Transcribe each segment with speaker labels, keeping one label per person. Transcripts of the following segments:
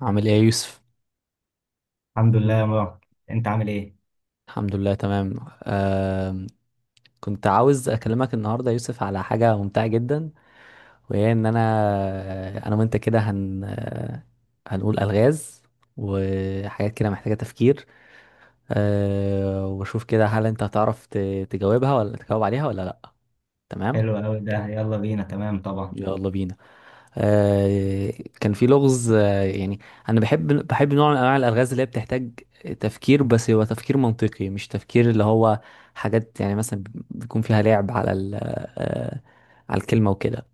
Speaker 1: عامل ايه يا يوسف؟
Speaker 2: الحمد لله يا مروان، انت عامل ايه؟
Speaker 1: الحمد لله، تمام. آم، كنت عاوز اكلمك النهارده يا يوسف على حاجه ممتعه جدا، وهي ان انا وانت كده هن آه، هنقول الغاز وحاجات كده محتاجه تفكير. واشوف كده هل انت هتعرف تجاوبها ولا تجاوب عليها ولا لا؟ تمام.
Speaker 2: حلو قوي ده، يلا بينا. تمام طبعا.
Speaker 1: يلا بينا. آه، كان في لغز، يعني انا بحب نوع من انواع الالغاز اللي هي بتحتاج تفكير، بس هو تفكير منطقي، مش تفكير اللي هو حاجات، يعني مثلا بيكون فيها لعب على على الكلمة وكده.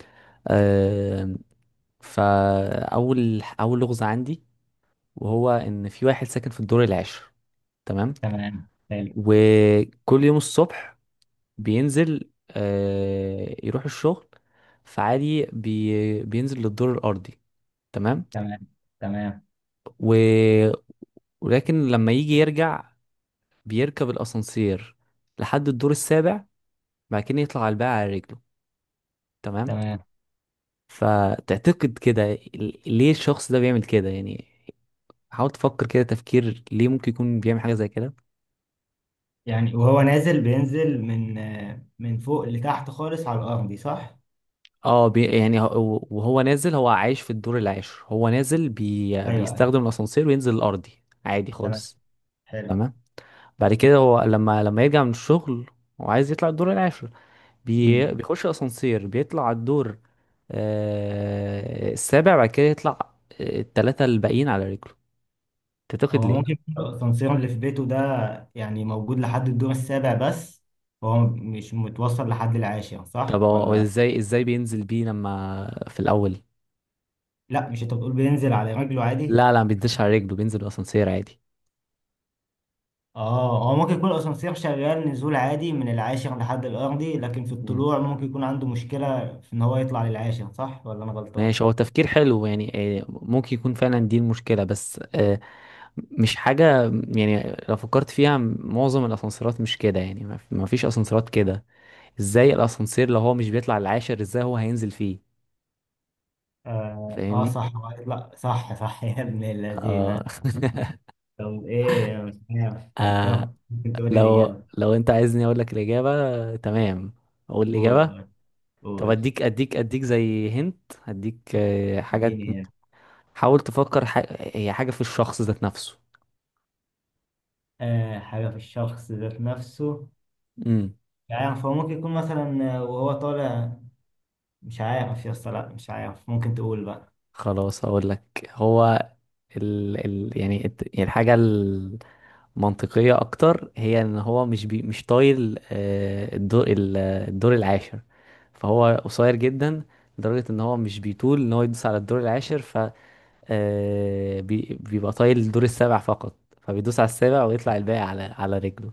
Speaker 1: آه، فاول لغز عندي، وهو ان في واحد ساكن في الدور العاشر. تمام.
Speaker 2: تمام حلو.
Speaker 1: وكل يوم الصبح بينزل، يروح الشغل، فعادي بينزل للدور الارضي. تمام.
Speaker 2: تمام. تمام.
Speaker 1: و... ولكن لما يجي يرجع بيركب الاسانسير لحد الدور السابع، بعد كده يطلع على الباقي على رجله. تمام.
Speaker 2: تمام.
Speaker 1: فتعتقد كده، ليه الشخص ده بيعمل كده يعني؟ حاول تفكر كده تفكير، ليه ممكن يكون بيعمل حاجة زي كده؟
Speaker 2: يعني وهو نازل بينزل من من فوق لتحت خالص على الارض دي، صح؟
Speaker 1: اه، يعني وهو نازل، هو عايش في الدور العاشر، هو نازل،
Speaker 2: ايوه ايوه.
Speaker 1: بيستخدم الاسانسير وينزل الارضي، عادي
Speaker 2: تمام.
Speaker 1: خالص.
Speaker 2: حلو.
Speaker 1: تمام. بعد كده هو لما يرجع من الشغل، هو عايز يطلع الدور العاشر،
Speaker 2: مم.
Speaker 1: بيخش اسانسير، بيطلع على الدور السابع، بعد كده يطلع التلاتة الباقيين على رجله. تعتقد
Speaker 2: هو
Speaker 1: ليه؟
Speaker 2: ممكن يكون الاسانسير اللي في بيته ده يعني موجود لحد الدور السابع بس، هو مش متوصل لحد العاشر،
Speaker 1: طب
Speaker 2: صح
Speaker 1: هو
Speaker 2: ولا؟
Speaker 1: ازاي بينزل بيه لما في الاول؟
Speaker 2: لا، مش انت بتقول بينزل على رجله عادي؟
Speaker 1: لا، لا، ما بينزلش على رجله، بينزل بالاسانسير عادي.
Speaker 2: اه، هو ممكن يكون الاسانسير شغال نزول عادي من العاشر لحد الارضي، لكن في
Speaker 1: مم.
Speaker 2: الطلوع ممكن يكون عنده مشكلة في ان هو يطلع للعاشر، صح ولا انا غلطان؟
Speaker 1: ماشي، هو تفكير حلو يعني. ممكن يكون فعلا دي المشكلة، بس مش حاجة يعني، لو فكرت فيها معظم الأسانسيرات مش كده، يعني ما فيش أسانسيرات كده. ازاي الأسانسير، لو هو مش بيطلع العاشر، ازاي هو هينزل فيه؟
Speaker 2: اه، آه
Speaker 1: فاهمني؟
Speaker 2: صح، هو هيطلع. صح صح يا ابن
Speaker 1: اه.
Speaker 2: الذين. طب ايه، انا مش عارف، احتار.
Speaker 1: آه،
Speaker 2: ممكن تقولي
Speaker 1: لو
Speaker 2: الاجابة؟
Speaker 1: لو انت عايزني اقول لك الاجابه، تمام، اقول الاجابه.
Speaker 2: قول.
Speaker 1: طب
Speaker 2: قول.
Speaker 1: اديك زي هنت، اديك آه، حاجه.
Speaker 2: اديني يعني.
Speaker 1: حاول تفكر هي حاجه في الشخص ذات نفسه.
Speaker 2: آه، حاجة في الشخص ذات نفسه.
Speaker 1: امم
Speaker 2: مش عارف، هو ممكن يكون مثلا وهو طالع. مش عارف يا اسطى، لا مش عارف، ممكن تقول بقى.
Speaker 1: خلاص اقول لك، هو يعني يعني الحاجه المنطقيه اكتر، هي ان هو مش طايل الدور الدور العاشر، فهو قصير جدا، لدرجه ان هو مش بيطول ان هو يدوس على الدور العاشر. بيبقى طايل الدور السابع فقط، فبيدوس على السابع، ويطلع الباقي على رجله.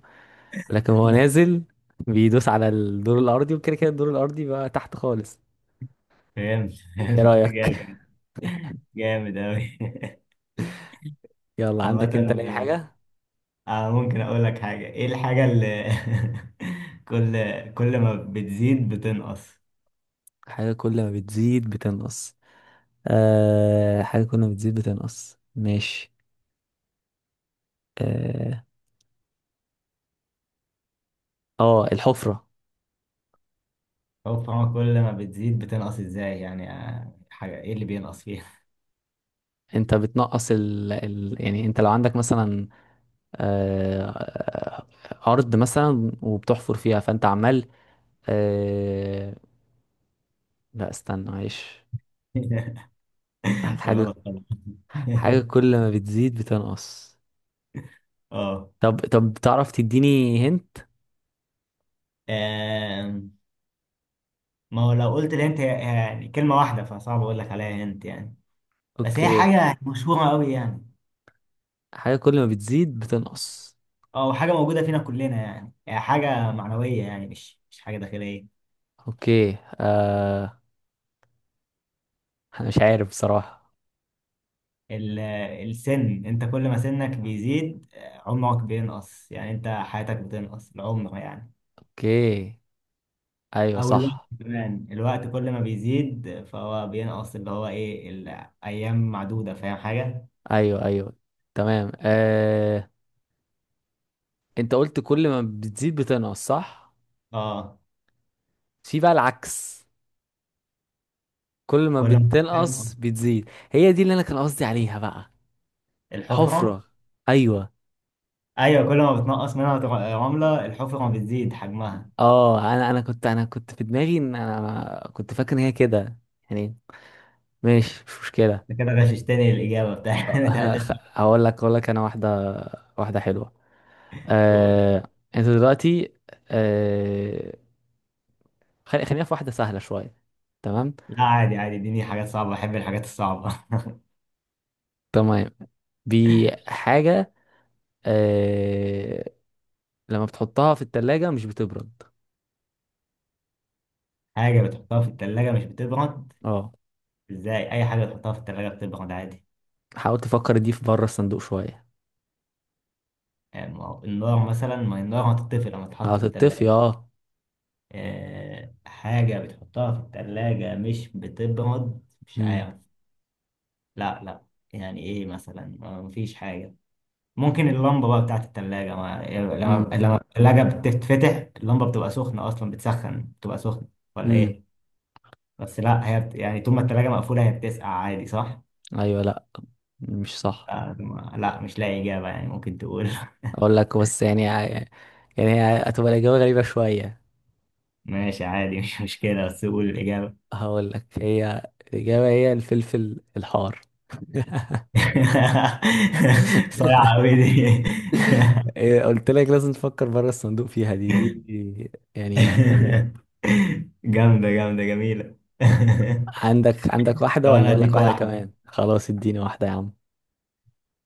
Speaker 1: لكن هو نازل بيدوس على الدور الأرضي، وكده كده الدور الأرضي بقى تحت خالص.
Speaker 2: فهمت،
Speaker 1: ايه
Speaker 2: فهمت
Speaker 1: رأيك؟
Speaker 2: جامد. جامد أوي.
Speaker 1: يلا،
Speaker 2: عامة،
Speaker 1: عندك انت لأي حاجة؟
Speaker 2: ممكن أقول لك حاجة؟ إيه الحاجة اللي، كل، كل ما بتزيد بتنقص؟
Speaker 1: حاجة كل ما بتزيد بتنقص؟ آه، حاجة كل ما بتزيد بتنقص، ماشي. اه. الحفرة.
Speaker 2: هو فاهمة كل ما بتزيد بتنقص إزاي يعني؟ حاجة إيه اللي بينقص فيها؟
Speaker 1: انت بتنقص يعني انت لو عندك مثلا، آه... آه، أرض مثلا، وبتحفر فيها، فانت عمال، آه، لا استنى، معلش. حاجة.
Speaker 2: غلط طبعا.
Speaker 1: حاجة كل ما بتزيد بتنقص.
Speaker 2: أه.
Speaker 1: طب تعرف تديني هنت؟
Speaker 2: آم، ما هو لو قلت الهنت هي، يعني كلمة واحدة فصعب أقول لك عليها هنت يعني. بس هي
Speaker 1: اوكي.
Speaker 2: حاجة مشهورة أوي يعني.
Speaker 1: حاجة كل ما بتزيد بتنقص.
Speaker 2: أه، حاجة موجودة فينا كلنا يعني، هي حاجة معنوية يعني، مش حاجة داخلية.
Speaker 1: اوكي. آه انا مش عارف بصراحة.
Speaker 2: ال- السن، انت كل ما سنك بيزيد عمرك بينقص يعني، انت حياتك بتنقص العمر يعني.
Speaker 1: اوكي. ايوه،
Speaker 2: او الوقت
Speaker 1: صح.
Speaker 2: كمان، الوقت كل ما بيزيد فهو بينقص، اللي هو ايه، الايام معدودة، فاهم حاجة؟
Speaker 1: ايوه، ايوه. تمام. انت قلت كل ما بتزيد بتنقص، صح؟
Speaker 2: اه.
Speaker 1: في بقى العكس، كل ما
Speaker 2: كل ما
Speaker 1: بتنقص
Speaker 2: بتنقص
Speaker 1: بتزيد، هي دي اللي انا كان قصدي عليها بقى.
Speaker 2: الحفرة.
Speaker 1: الحفرة. ايوه.
Speaker 2: ايوه، كل ما بتنقص منها رملة الحفرة بتزيد حجمها.
Speaker 1: اه، انا كنت في دماغي ان انا كنت فاكر ان هي كده، يعني، ماشي مش مشكله.
Speaker 2: انت كده غششتني الاجابة بتاعت بتاعت
Speaker 1: هقول لك انا واحده، واحده حلوه.
Speaker 2: الدكتور.
Speaker 1: آه انت دلوقتي، آه خلينا في واحده سهله شويه. تمام.
Speaker 2: لا عادي عادي، اديني حاجات صعبة، بحب الحاجات الصعبة.
Speaker 1: تمام، دي حاجه، آه لما بتحطها في التلاجة مش بتبرد.
Speaker 2: حاجة بتحطها في التلاجة مش بتبرد؟
Speaker 1: اه.
Speaker 2: ازاي، اي حاجه تحطها في التلاجة بتبرد عادي.
Speaker 1: حاول تفكر دي في بره الصندوق شويه.
Speaker 2: يعني ما هو النار مثلا، ما هي النار هتطفي لما تتحط في
Speaker 1: هتطفي،
Speaker 2: التلاجة.
Speaker 1: اه.
Speaker 2: أه، حاجه بتحطها في التلاجة مش بتبرد، مش
Speaker 1: امم.
Speaker 2: عارف. لا لا. يعني ايه مثلا، مفيش حاجه. ممكن اللمبه بقى بتاعت التلاجة، ما
Speaker 1: امم.
Speaker 2: لما لما التلاجة بتتفتح، اللمبه بتبقى سخنه، اصلا بتسخن، بتبقى سخنه، ولا
Speaker 1: امم.
Speaker 2: ايه؟ بس لا، هي بت، يعني طول ما التلاجة مقفوله هي بتسقع عادي، صح؟
Speaker 1: ايوه، لا، مش صح.
Speaker 2: لا مش لاقي اجابه يعني، ممكن تقول.
Speaker 1: اقول لك بس يعني. هي هتبقى الاجابه غريبه شويه.
Speaker 2: ماشي عادي، مش مشكلة، بس قول الإجابة.
Speaker 1: هقول لك، هي الاجابه هي الفلفل الحار.
Speaker 2: صايعة أوي دي.
Speaker 1: إيه، قلت لك لازم تفكر بره الصندوق فيها، دي دي يعني.
Speaker 2: جامدة، جامدة جميلة.
Speaker 1: عندك واحده
Speaker 2: طب
Speaker 1: ولا
Speaker 2: أنا
Speaker 1: اقول لك
Speaker 2: هديك
Speaker 1: واحده
Speaker 2: واحدة.
Speaker 1: كمان؟ خلاص، اديني واحده يا عم.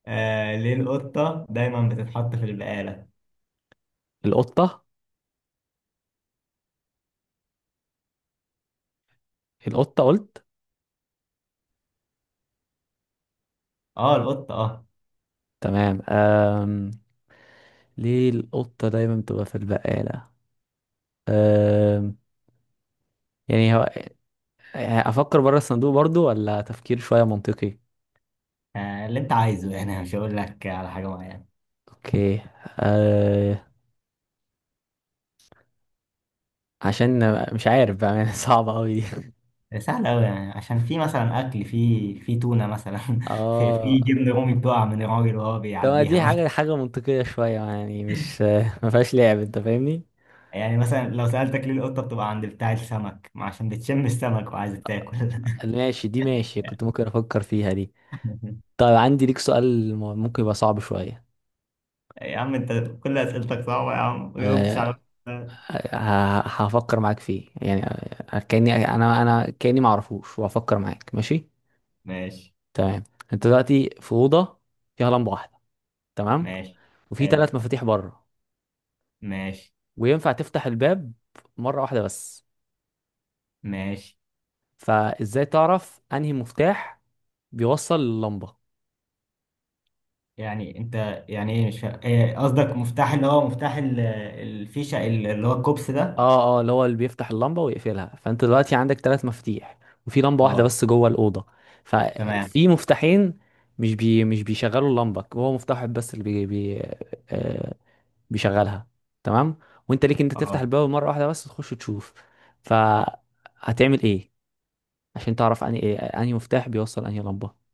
Speaker 2: آه، ليه القطة دايما بتتحط في البقالة؟
Speaker 1: القطه. القطه، قلت؟
Speaker 2: اه، القطة اه.
Speaker 1: تمام. ليه القطه دايما بتبقى في البقاله؟ أم... يعني هو، يعني افكر بره الصندوق برضو، ولا تفكير شويه منطقي؟
Speaker 2: اللي أنت عايزه يعني، مش هقول لك على حاجة معينة.
Speaker 1: اوكي. آه... عشان، مش عارف بقى يعني. صعبة قوي دي.
Speaker 2: سهل أوي يعني، عشان في مثلا أكل، في تونة مثلا. في
Speaker 1: اه.
Speaker 2: في جبن رومي بتقع من الراجل وهو
Speaker 1: طب، ما
Speaker 2: بيعديها
Speaker 1: دي حاجة
Speaker 2: مثلا.
Speaker 1: حاجة منطقية شوية، يعني مش ما فيهاش لعب، انت فاهمني؟
Speaker 2: يعني مثلا لو سألتك ليه القطة بتبقى عند بتاع السمك؟ ما عشان بتشم السمك وعايزة تاكل.
Speaker 1: ماشي، دي ماشي كنت ممكن افكر فيها دي. طيب، عندي ليك سؤال ممكن يبقى صعب شوية.
Speaker 2: يا عم انت، كل اسئلتك صعبة يا عم، ما جاوبتش على
Speaker 1: آه،
Speaker 2: واحدة.
Speaker 1: هفكر معاك فيه يعني، كأني انا انا كأني ما اعرفوش، وهفكر معاك، ماشي.
Speaker 2: ماشي.
Speaker 1: تمام. انت دلوقتي في أوضة فيها لمبة واحدة، تمام،
Speaker 2: ماشي.
Speaker 1: وفي
Speaker 2: حلو.
Speaker 1: ثلاث مفاتيح بره،
Speaker 2: ماشي.
Speaker 1: وينفع تفتح الباب مرة واحدة بس،
Speaker 2: ماشي.
Speaker 1: فازاي تعرف انهي مفتاح بيوصل للمبه؟
Speaker 2: يعني انت، يعني ايه، مش فاهم ايه قصدك، مفتاح اللي هو مفتاح الفيشة، اللي هو الكوبس ده؟
Speaker 1: اه، اه، اللي هو اللي بيفتح اللمبه ويقفلها، فانت دلوقتي عندك ثلاث مفاتيح، وفي لمبه واحده
Speaker 2: اه.
Speaker 1: بس جوه الاوضه،
Speaker 2: تمام.
Speaker 1: ففي مفتاحين مش بيشغلوا اللمبه، هو مفتاح واحد بس اللي بي بي آه بيشغلها. تمام. وانت ليك انت تفتح
Speaker 2: اه.
Speaker 1: الباب مره واحده بس، تخش تشوف، فهتعمل ايه عشان تعرف انهي مفتاح بيوصل انهي لمبه؟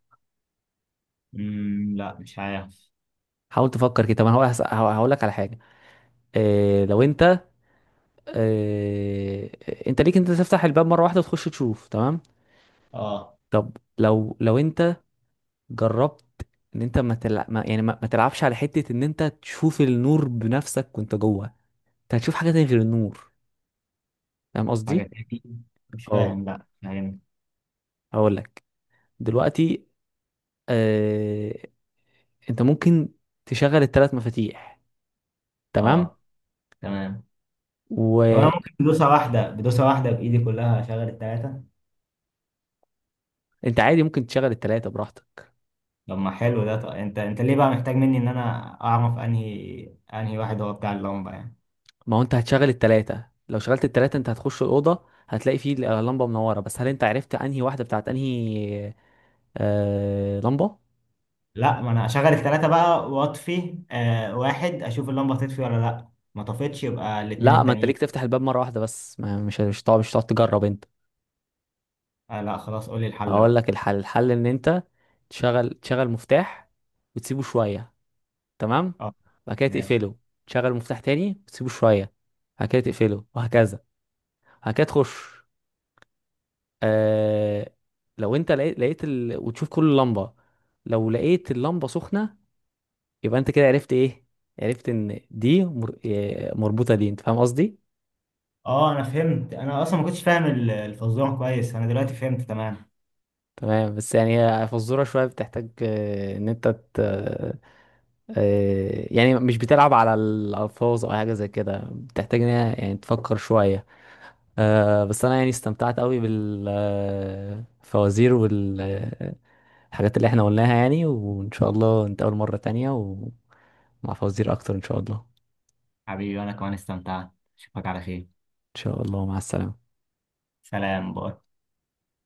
Speaker 2: امم، لا مش عارف.
Speaker 1: حاول تفكر كده، طب انا هقول لك على حاجه. إيه، لو انت، آه، انت ليك انت تفتح الباب مره واحده وتخش تشوف، تمام.
Speaker 2: اه،
Speaker 1: طب لو انت جربت ان انت ما يعني ما تلعبش على حته ان انت تشوف النور بنفسك وانت جوه، انت هتشوف حاجه تانية غير النور. فاهم
Speaker 2: حاجة
Speaker 1: قصدي؟
Speaker 2: تاني؟ مش
Speaker 1: اه.
Speaker 2: فاهم، لا مش عارف.
Speaker 1: هقول لك دلوقتي، آه... انت ممكن تشغل الثلاث مفاتيح، تمام،
Speaker 2: اه. تمام. طب انا
Speaker 1: وانت
Speaker 2: ممكن بدوسة واحدة بإيدي كلها اشغل التلاتة؟
Speaker 1: عادي، ممكن تشغل الثلاثه براحتك.
Speaker 2: طب ما حلو ده، طب انت، انت ليه بقى محتاج مني ان انا اعرف انهي واحد هو بتاع اللمبه يعني؟
Speaker 1: ما هو انت هتشغل التلاتة، لو شغلت التلاتة انت هتخش الأوضة، هتلاقي فيه لمبة منورة بس، هل انت عرفت انهي واحدة بتاعت انهي لمبة؟
Speaker 2: لا، ما انا اشغل الثلاثه بقى واطفي آه واحد، اشوف اللمبه تطفي ولا لا، ما طفتش يبقى الاثنين
Speaker 1: لا، ما انت ليك
Speaker 2: التانيين.
Speaker 1: تفتح الباب مرة واحدة بس، ما مش هتقعد تجرب انت.
Speaker 2: آه لا خلاص، قول لي الحل
Speaker 1: هقول
Speaker 2: بقى.
Speaker 1: لك الحل ان انت تشغل مفتاح وتسيبه شوية، تمام؟
Speaker 2: اه.
Speaker 1: بعد كده
Speaker 2: ماشي.
Speaker 1: تقفله. تشغل مفتاح تاني وتسيبه شوية، بعد كده تقفله، وهكذا. بعد كده تخش، آه... لو انت لقيت وتشوف كل لمبة، لو لقيت اللمبة سخنة، يبقى انت كده عرفت ايه؟ عرفت ان دي مر... إيه، مربوطة، دي انت فاهم قصدي.
Speaker 2: اه انا فهمت، انا اصلا ما كنتش فاهم الفزوره كويس، انا دلوقتي فهمت تمام.
Speaker 1: تمام، بس يعني هي فزورة شوية بتحتاج، ان انت ت... يعني مش بتلعب على الالفاظ او حاجة زي كده، بتحتاج ان هي يعني تفكر شوية، بس انا يعني استمتعت قوي بالفوازير والحاجات اللي احنا قلناها، يعني وان شاء الله نتقابل مرة تانية، ومع فوازير اكتر ان شاء الله.
Speaker 2: حبيبي انا كمان استمتعت، اشوفك على خير.
Speaker 1: ان شاء الله، مع السلامة.
Speaker 2: سلام، باي.